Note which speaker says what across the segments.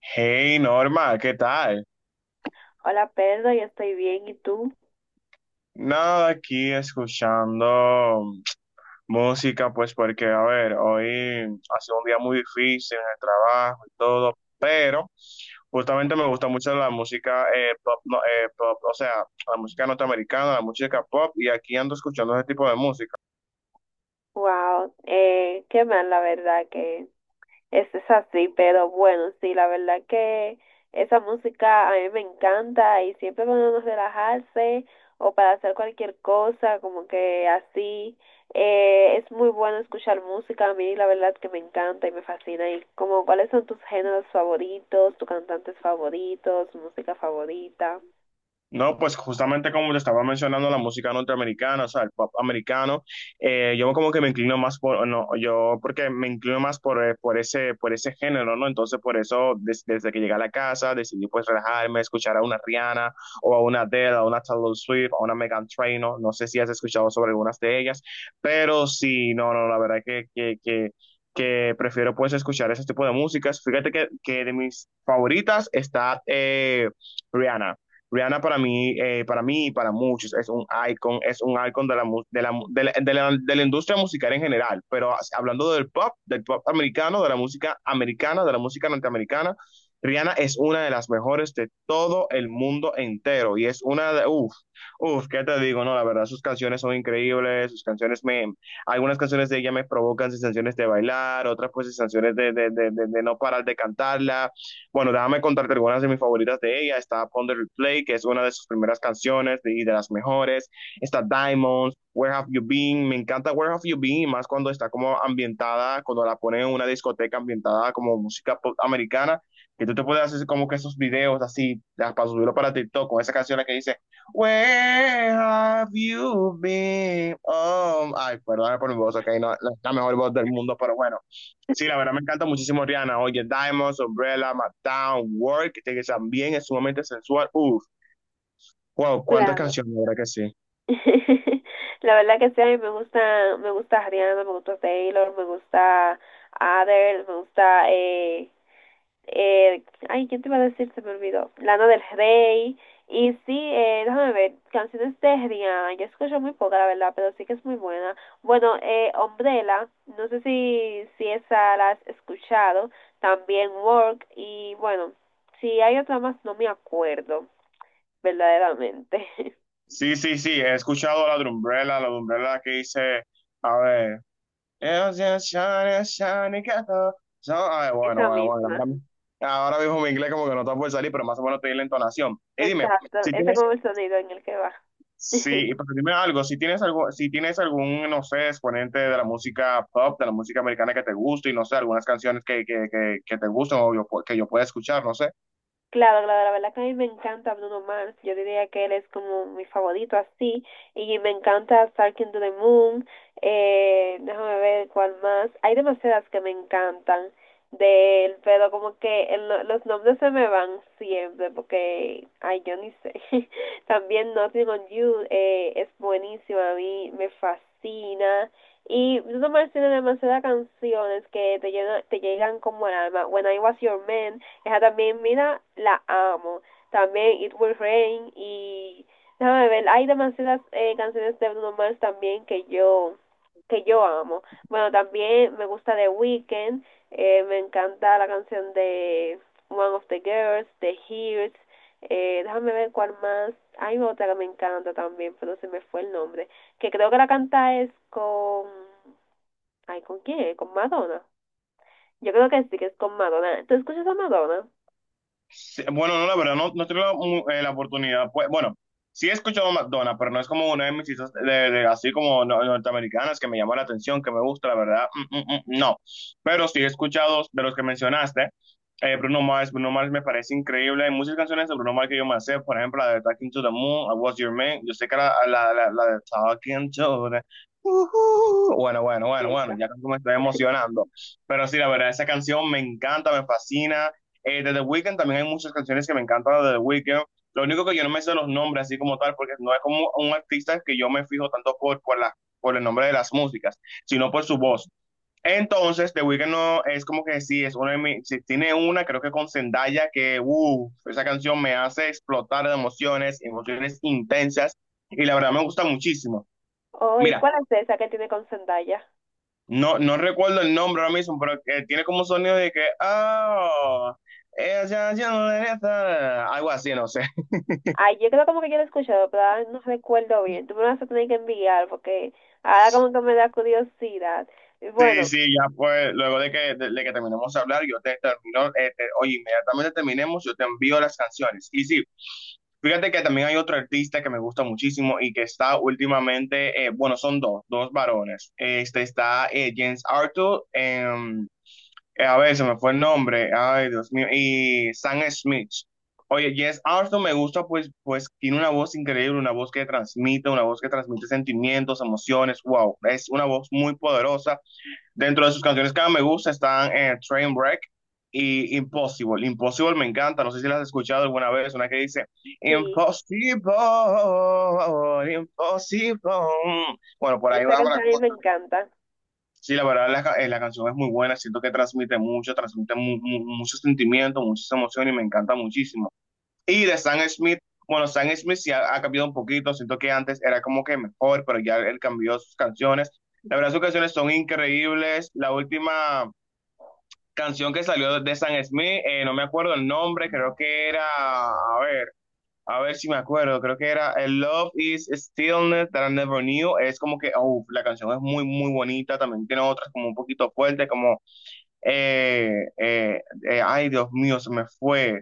Speaker 1: Hey Norma, ¿qué tal?
Speaker 2: Hola Pedro, yo estoy bien, ¿y tú?
Speaker 1: Nada, aquí escuchando música, pues porque, a ver, hoy ha sido un día muy difícil en el trabajo y todo, pero justamente me gusta mucho la música pop, no, pop, o sea, la música norteamericana, la música pop, y aquí ando escuchando ese tipo de música.
Speaker 2: Wow, qué mal la verdad que eso es así, pero bueno, sí, la verdad que esa música a mí me encanta y siempre cuando uno relajarse o para hacer cualquier cosa, como que así, es muy bueno escuchar música, a mí la verdad que me encanta y me fascina. ¿Y como cuáles son tus géneros favoritos, tus cantantes favoritos, música favorita?
Speaker 1: No, pues justamente como te estaba mencionando, la música norteamericana, o sea, el pop americano, yo como que me inclino más por, no, yo porque me inclino más por ese, género, ¿no? Entonces, por eso, desde que llegué a la casa, decidí pues relajarme, escuchar a una Rihanna, o a una Adele, a una Taylor Swift, a una Megan Trainor. No, no sé si has escuchado sobre algunas de ellas, pero sí, no, no, la verdad que prefiero pues escuchar ese tipo de músicas. Fíjate que de mis favoritas está Rihanna. Rihanna para mí y para muchos es un icon, de la, de la industria musical en general, pero hablando del pop americano, de la música americana, de la música norteamericana, Rihanna es una de las mejores de todo el mundo entero y es una de, uff, ¿qué te digo? No, la verdad, sus canciones son increíbles, algunas canciones de ella me provocan sensaciones de bailar, otras pues sensaciones de no parar de cantarla. Bueno, déjame contarte algunas de mis favoritas de ella. Está Ponder Replay, que es una de sus primeras canciones y de las mejores. Está Diamonds, Where Have You Been. Me encanta Where Have You Been, y más cuando está como ambientada, cuando la ponen en una discoteca ambientada como música pop americana, que tú te puedes hacer como que esos videos así, ya, para subirlo para TikTok, con esa canción que dice, Where Have You Been. Ay, perdón por mi voz, ok, no, la mejor voz del mundo, pero bueno. Sí, la verdad me encanta muchísimo Rihanna. Oye, Diamonds, Umbrella, Mattown, Work, este que también es sumamente sensual. Uf, wow, cuántas
Speaker 2: Claro.
Speaker 1: canciones, la verdad que sí.
Speaker 2: La verdad que sí, a mí me gusta Rihanna, me gusta Taylor, me gusta Adele, me gusta, eh, ay, ¿quién te iba a decir? Se me olvidó. Lana del Rey. Y sí, déjame ver, canciones de Rihanna, yo escucho muy poca, la verdad, pero sí que es muy buena. Bueno, Umbrella, no sé si esa la has escuchado, también Work, y bueno, si hay otra más, no me acuerdo, verdaderamente.
Speaker 1: Sí, sí, sí, he escuchado la de Umbrella, que dice, a ver, "It's just shiny, shiny castle." So, a ver, bueno,
Speaker 2: Esa
Speaker 1: bueno, bueno,
Speaker 2: misma.
Speaker 1: ahora mismo mi inglés como que no está por salir, pero más o menos te di la entonación. Y dime,
Speaker 2: Exacto,
Speaker 1: si
Speaker 2: ese es
Speaker 1: tienes
Speaker 2: como el sonido en el que va.
Speaker 1: sí, pero dime algo, si tienes algún, no sé, exponente de la música pop, de la música americana que te guste y no sé, algunas canciones que te gustan o que yo pueda escuchar, no sé.
Speaker 2: Claro, claro, la verdad que a mí me encanta Bruno Mars. Yo diría que él es como mi favorito así. Y me encanta Starking to the Moon. Déjame ver cuál más. Hay demasiadas que me encantan de él, pero como que el no- los nombres se me van siempre porque, ay, yo ni sé. También Nothing on You es buenísimo, a mí me fascina. Y Bruno Mars tiene demasiadas canciones que te, te llegan como al alma. When I Was Your Man. Esa también, mira, la amo. También It Will Rain y déjame ver, hay demasiadas canciones de Bruno Mars también que yo amo. Bueno, también me gusta The Weeknd, me encanta la canción de One of the Girls, The Hears, déjame ver cuál más. Hay otra que me encanta también, pero se me fue el nombre. Que creo que la canta es con... Ay, ¿con quién? ¿Con Madonna? Yo creo que sí, que es con Madonna. ¿Tú escuchas a Madonna?
Speaker 1: Sí, bueno, no, la verdad, no, no he tenido la oportunidad. Pues, bueno, sí he escuchado McDonald's, pero no es como una de mis citas de, así como norteamericanas que me llama la atención, que me gusta, la verdad. No. Pero sí he escuchado de los que mencionaste. Bruno Mars, Bruno Mars me parece increíble. Hay muchas canciones de Bruno Mars que yo me sé, por ejemplo, la de Talking to the Moon, I Was Your Man. Yo sé que la de Talking to the. Ujú. Bueno, bueno,
Speaker 2: Sí.
Speaker 1: bueno, bueno, ya como me estoy emocionando. Pero sí, la verdad, esa canción me encanta, me fascina. De The Weeknd también hay muchas canciones que me encantan de The Weeknd. Lo único que yo no me sé los nombres así como tal, porque no es como un artista que yo me fijo tanto por, la, por el nombre de las músicas, sino por su voz. Entonces, The Weeknd no, es como que sí, es una de mis, sí, tiene una, creo que con Zendaya, que esa canción me hace explotar de emociones, emociones intensas, y la verdad me gusta muchísimo.
Speaker 2: Oh, ¿y
Speaker 1: Mira,
Speaker 2: cuál es esa que tiene con Zendaya?
Speaker 1: no, no recuerdo el nombre ahora mismo, pero tiene como un sonido de que, ah, ella ya está, algo así, no sé.
Speaker 2: Ay, yo creo como que yo la he escuchado, pero ahora no recuerdo bien. Tú me vas a tener que enviar porque ahora como que me da curiosidad. Y
Speaker 1: Sí,
Speaker 2: bueno,
Speaker 1: sí, ya pues, luego de que terminemos de hablar, yo te termino, oye, inmediatamente terminemos, yo te envío las canciones. Y sí, fíjate que también hay otro artista que me gusta muchísimo y que está últimamente, bueno, son dos varones. Este está James Arthur. A ver, se me fue el nombre. Ay, Dios mío. Y Sam Smith. Oye, Jess Arthur me gusta, pues tiene una voz increíble, una voz que transmite sentimientos, emociones. Wow, es una voz muy poderosa. Dentro de sus canciones que más me gusta están Trainwreck y Impossible. Impossible me encanta, no sé si la has escuchado alguna vez, una que dice
Speaker 2: sí,
Speaker 1: Impossible, Impossible. Bueno, por ahí
Speaker 2: esa
Speaker 1: va la
Speaker 2: canción a mí
Speaker 1: cosa.
Speaker 2: me encanta.
Speaker 1: Sí, la verdad, la canción es muy buena, siento que transmite mucho, transmite muchos sentimientos, muchas emociones y me encanta muchísimo. Y de Sam Smith, bueno, Sam Smith sí ha cambiado un poquito, siento que antes era como que mejor, pero ya él cambió sus canciones. La verdad, sus canciones son increíbles. La última canción que salió de Sam Smith, no me acuerdo el nombre, creo que era, a ver. A ver si me acuerdo, creo que era el Love is Stillness that I Never Knew. Es como que, oh, la canción es muy, muy bonita. También tiene otras como un poquito fuerte, como, eh, eh, ay, Dios mío, se me fue.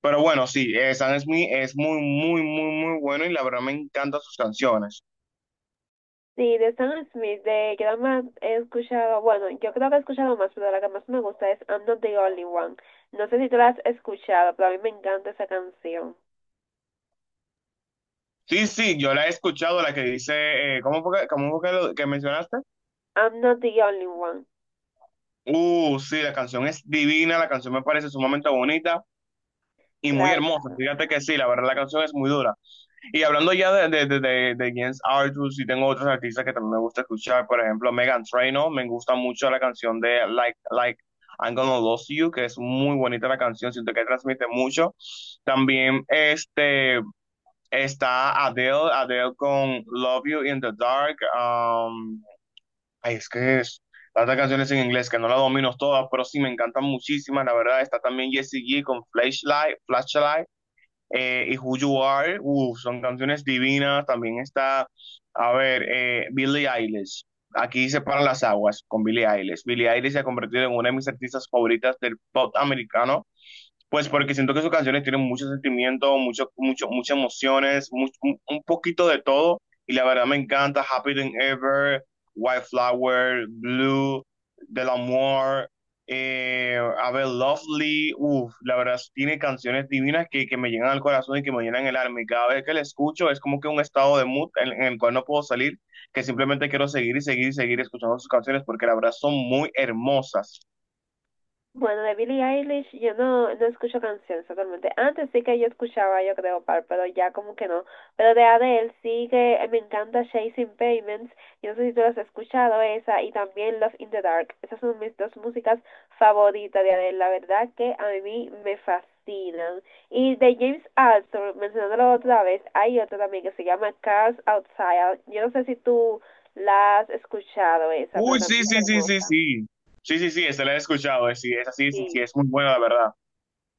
Speaker 1: Pero bueno, sí, Sam Smith es muy, muy, muy, muy bueno y la verdad me encantan sus canciones.
Speaker 2: Sí, de Sam Smith, de que nada más he escuchado, bueno, yo creo que he escuchado más, pero la que más me gusta es I'm Not the Only One. No sé si tú la has escuchado, pero a mí me encanta esa canción.
Speaker 1: Sí, sí, yo la he escuchado, la que dice, ¿cómo fue que que mencionaste?
Speaker 2: I'm Not the Only One.
Speaker 1: Sí, la canción es divina, la canción me parece sumamente bonita y muy
Speaker 2: Claro,
Speaker 1: hermosa.
Speaker 2: claro.
Speaker 1: Fíjate que sí, la verdad la canción es muy dura. Y hablando ya de Jens Arthur, sí tengo otros artistas que también me gusta escuchar, por ejemplo, Megan Trainor, me gusta mucho la canción de Like, I'm Gonna Lose You, que es muy bonita la canción, siento que transmite mucho. También este, está Adele, Adele con Love You in the Dark. Ay, es que es tantas canciones en inglés que no las domino todas, pero sí me encantan muchísimas, la verdad. Está también Jessie J con Flashlight, Flashlight, y Who You Are, son canciones divinas. También está, a ver, Billie Eilish. Aquí se paran las aguas con Billie Eilish. Billie Eilish se ha convertido en una de mis artistas favoritas del pop americano. Pues porque siento que sus canciones tienen mucho sentimiento, muchas emociones, un poquito de todo. Y la verdad me encanta Happy Than Ever, White Flower, Blue, Del Amor, A Bit Lovely. Uf, la verdad tiene canciones divinas que me llegan al corazón y que me llenan el alma. Y cada vez que la escucho es como que un estado de mood en el cual no puedo salir, que simplemente quiero seguir y seguir y seguir escuchando sus canciones porque la verdad son muy hermosas.
Speaker 2: Bueno, de Billie Eilish yo no, no escucho canciones totalmente. Antes sí que yo escuchaba, yo creo, par, pero ya como que no. Pero de Adele sí que me encanta Chasing Payments. Yo no sé si tú las has escuchado esa y también Love in the Dark. Esas son mis dos músicas favoritas de Adele. La verdad que a mí me fascinan. Y de James Arthur, mencionándolo otra vez, hay otra también que se llama Cars Outside. Yo no sé si tú la has escuchado esa, pero
Speaker 1: Uy, sí,
Speaker 2: también es
Speaker 1: sí, sí, sí,
Speaker 2: hermosa.
Speaker 1: sí. Sí, sí, sí, esa la he escuchado. Sí, es así, sí, sí,
Speaker 2: Sí.
Speaker 1: es muy buena, la verdad.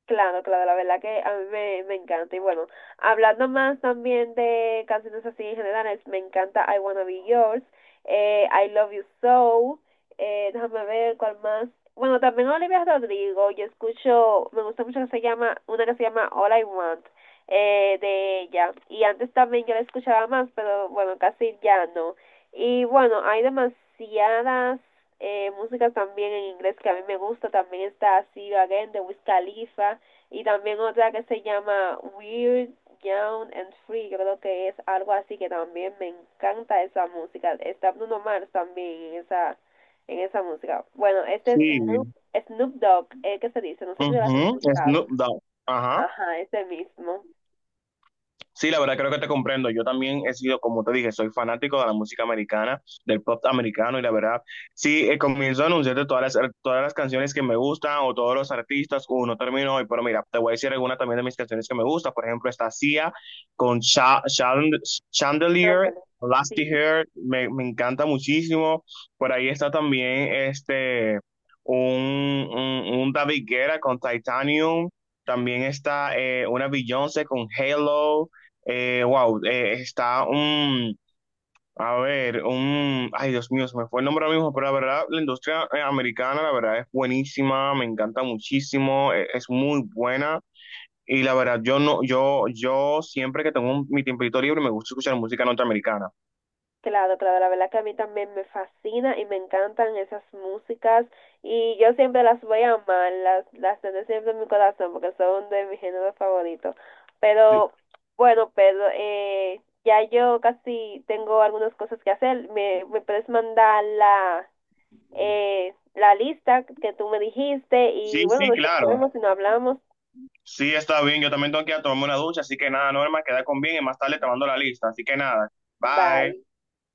Speaker 2: Claro, claro, la verdad que a mí me, me encanta. Y bueno, hablando más también de canciones así en general, me encanta I Wanna Be Yours, I Love You So, déjame ver cuál más. Bueno, también Olivia Rodrigo, yo escucho, me gusta mucho que se llama, una que se llama All I Want, de ella. Y antes también yo la escuchaba más, pero bueno, casi ya no. Y bueno, hay demasiadas músicas también en inglés que a mí me gusta. También está See You Again de Wiz Khalifa. Y también otra que se llama Weird, Young and Free, yo creo que es algo así que también me encanta esa música. Está Bruno Mars también en esa música. Bueno, este es
Speaker 1: Sí.
Speaker 2: Snoop Dogg, que se dice, no sé si lo has
Speaker 1: Ujú, es
Speaker 2: escuchado.
Speaker 1: Snoop Dogg. Ajá.
Speaker 2: Ajá, ese mismo.
Speaker 1: Sí, la verdad creo que te comprendo. Yo también he sido, como te dije, soy fanático de la música americana, del pop americano y la verdad, sí, comienzo a anunciarte todas las canciones que me gustan o todos los artistas, uno termino hoy, pero mira, te voy a decir alguna también de mis canciones que me gustan. Por ejemplo, está Sia con Chandelier,
Speaker 2: Ándale.
Speaker 1: Lasty
Speaker 2: Sí.
Speaker 1: Hair, me encanta muchísimo. Por ahí está también este, un David Guetta con Titanium. También está una Beyoncé con Halo. Wow, está un, a ver, un, ay Dios mío, se me fue el nombre ahora mismo, pero la verdad, la industria americana, la verdad, es buenísima, me encanta muchísimo, es muy buena. Y la verdad, yo no, yo siempre que tengo mi tiempito libre me gusta escuchar música norteamericana.
Speaker 2: Claro, claro, la verdad que a mí también me fascina y me encantan esas músicas y yo siempre las voy a amar, las tendré siempre en mi corazón porque son de mi género favorito.
Speaker 1: Sí,
Speaker 2: Pero bueno, Pedro, ya yo casi tengo algunas cosas que hacer. Me puedes mandar la, la lista que tú me dijiste
Speaker 1: sí,
Speaker 2: y bueno,
Speaker 1: sí,
Speaker 2: nos
Speaker 1: claro.
Speaker 2: chequeamos y nos hablamos.
Speaker 1: Sí, está bien. Yo también tengo que ir a tomarme una ducha, así que nada, Norma, queda con bien y más tarde te mando la lista. Así que nada, bye.
Speaker 2: Bye.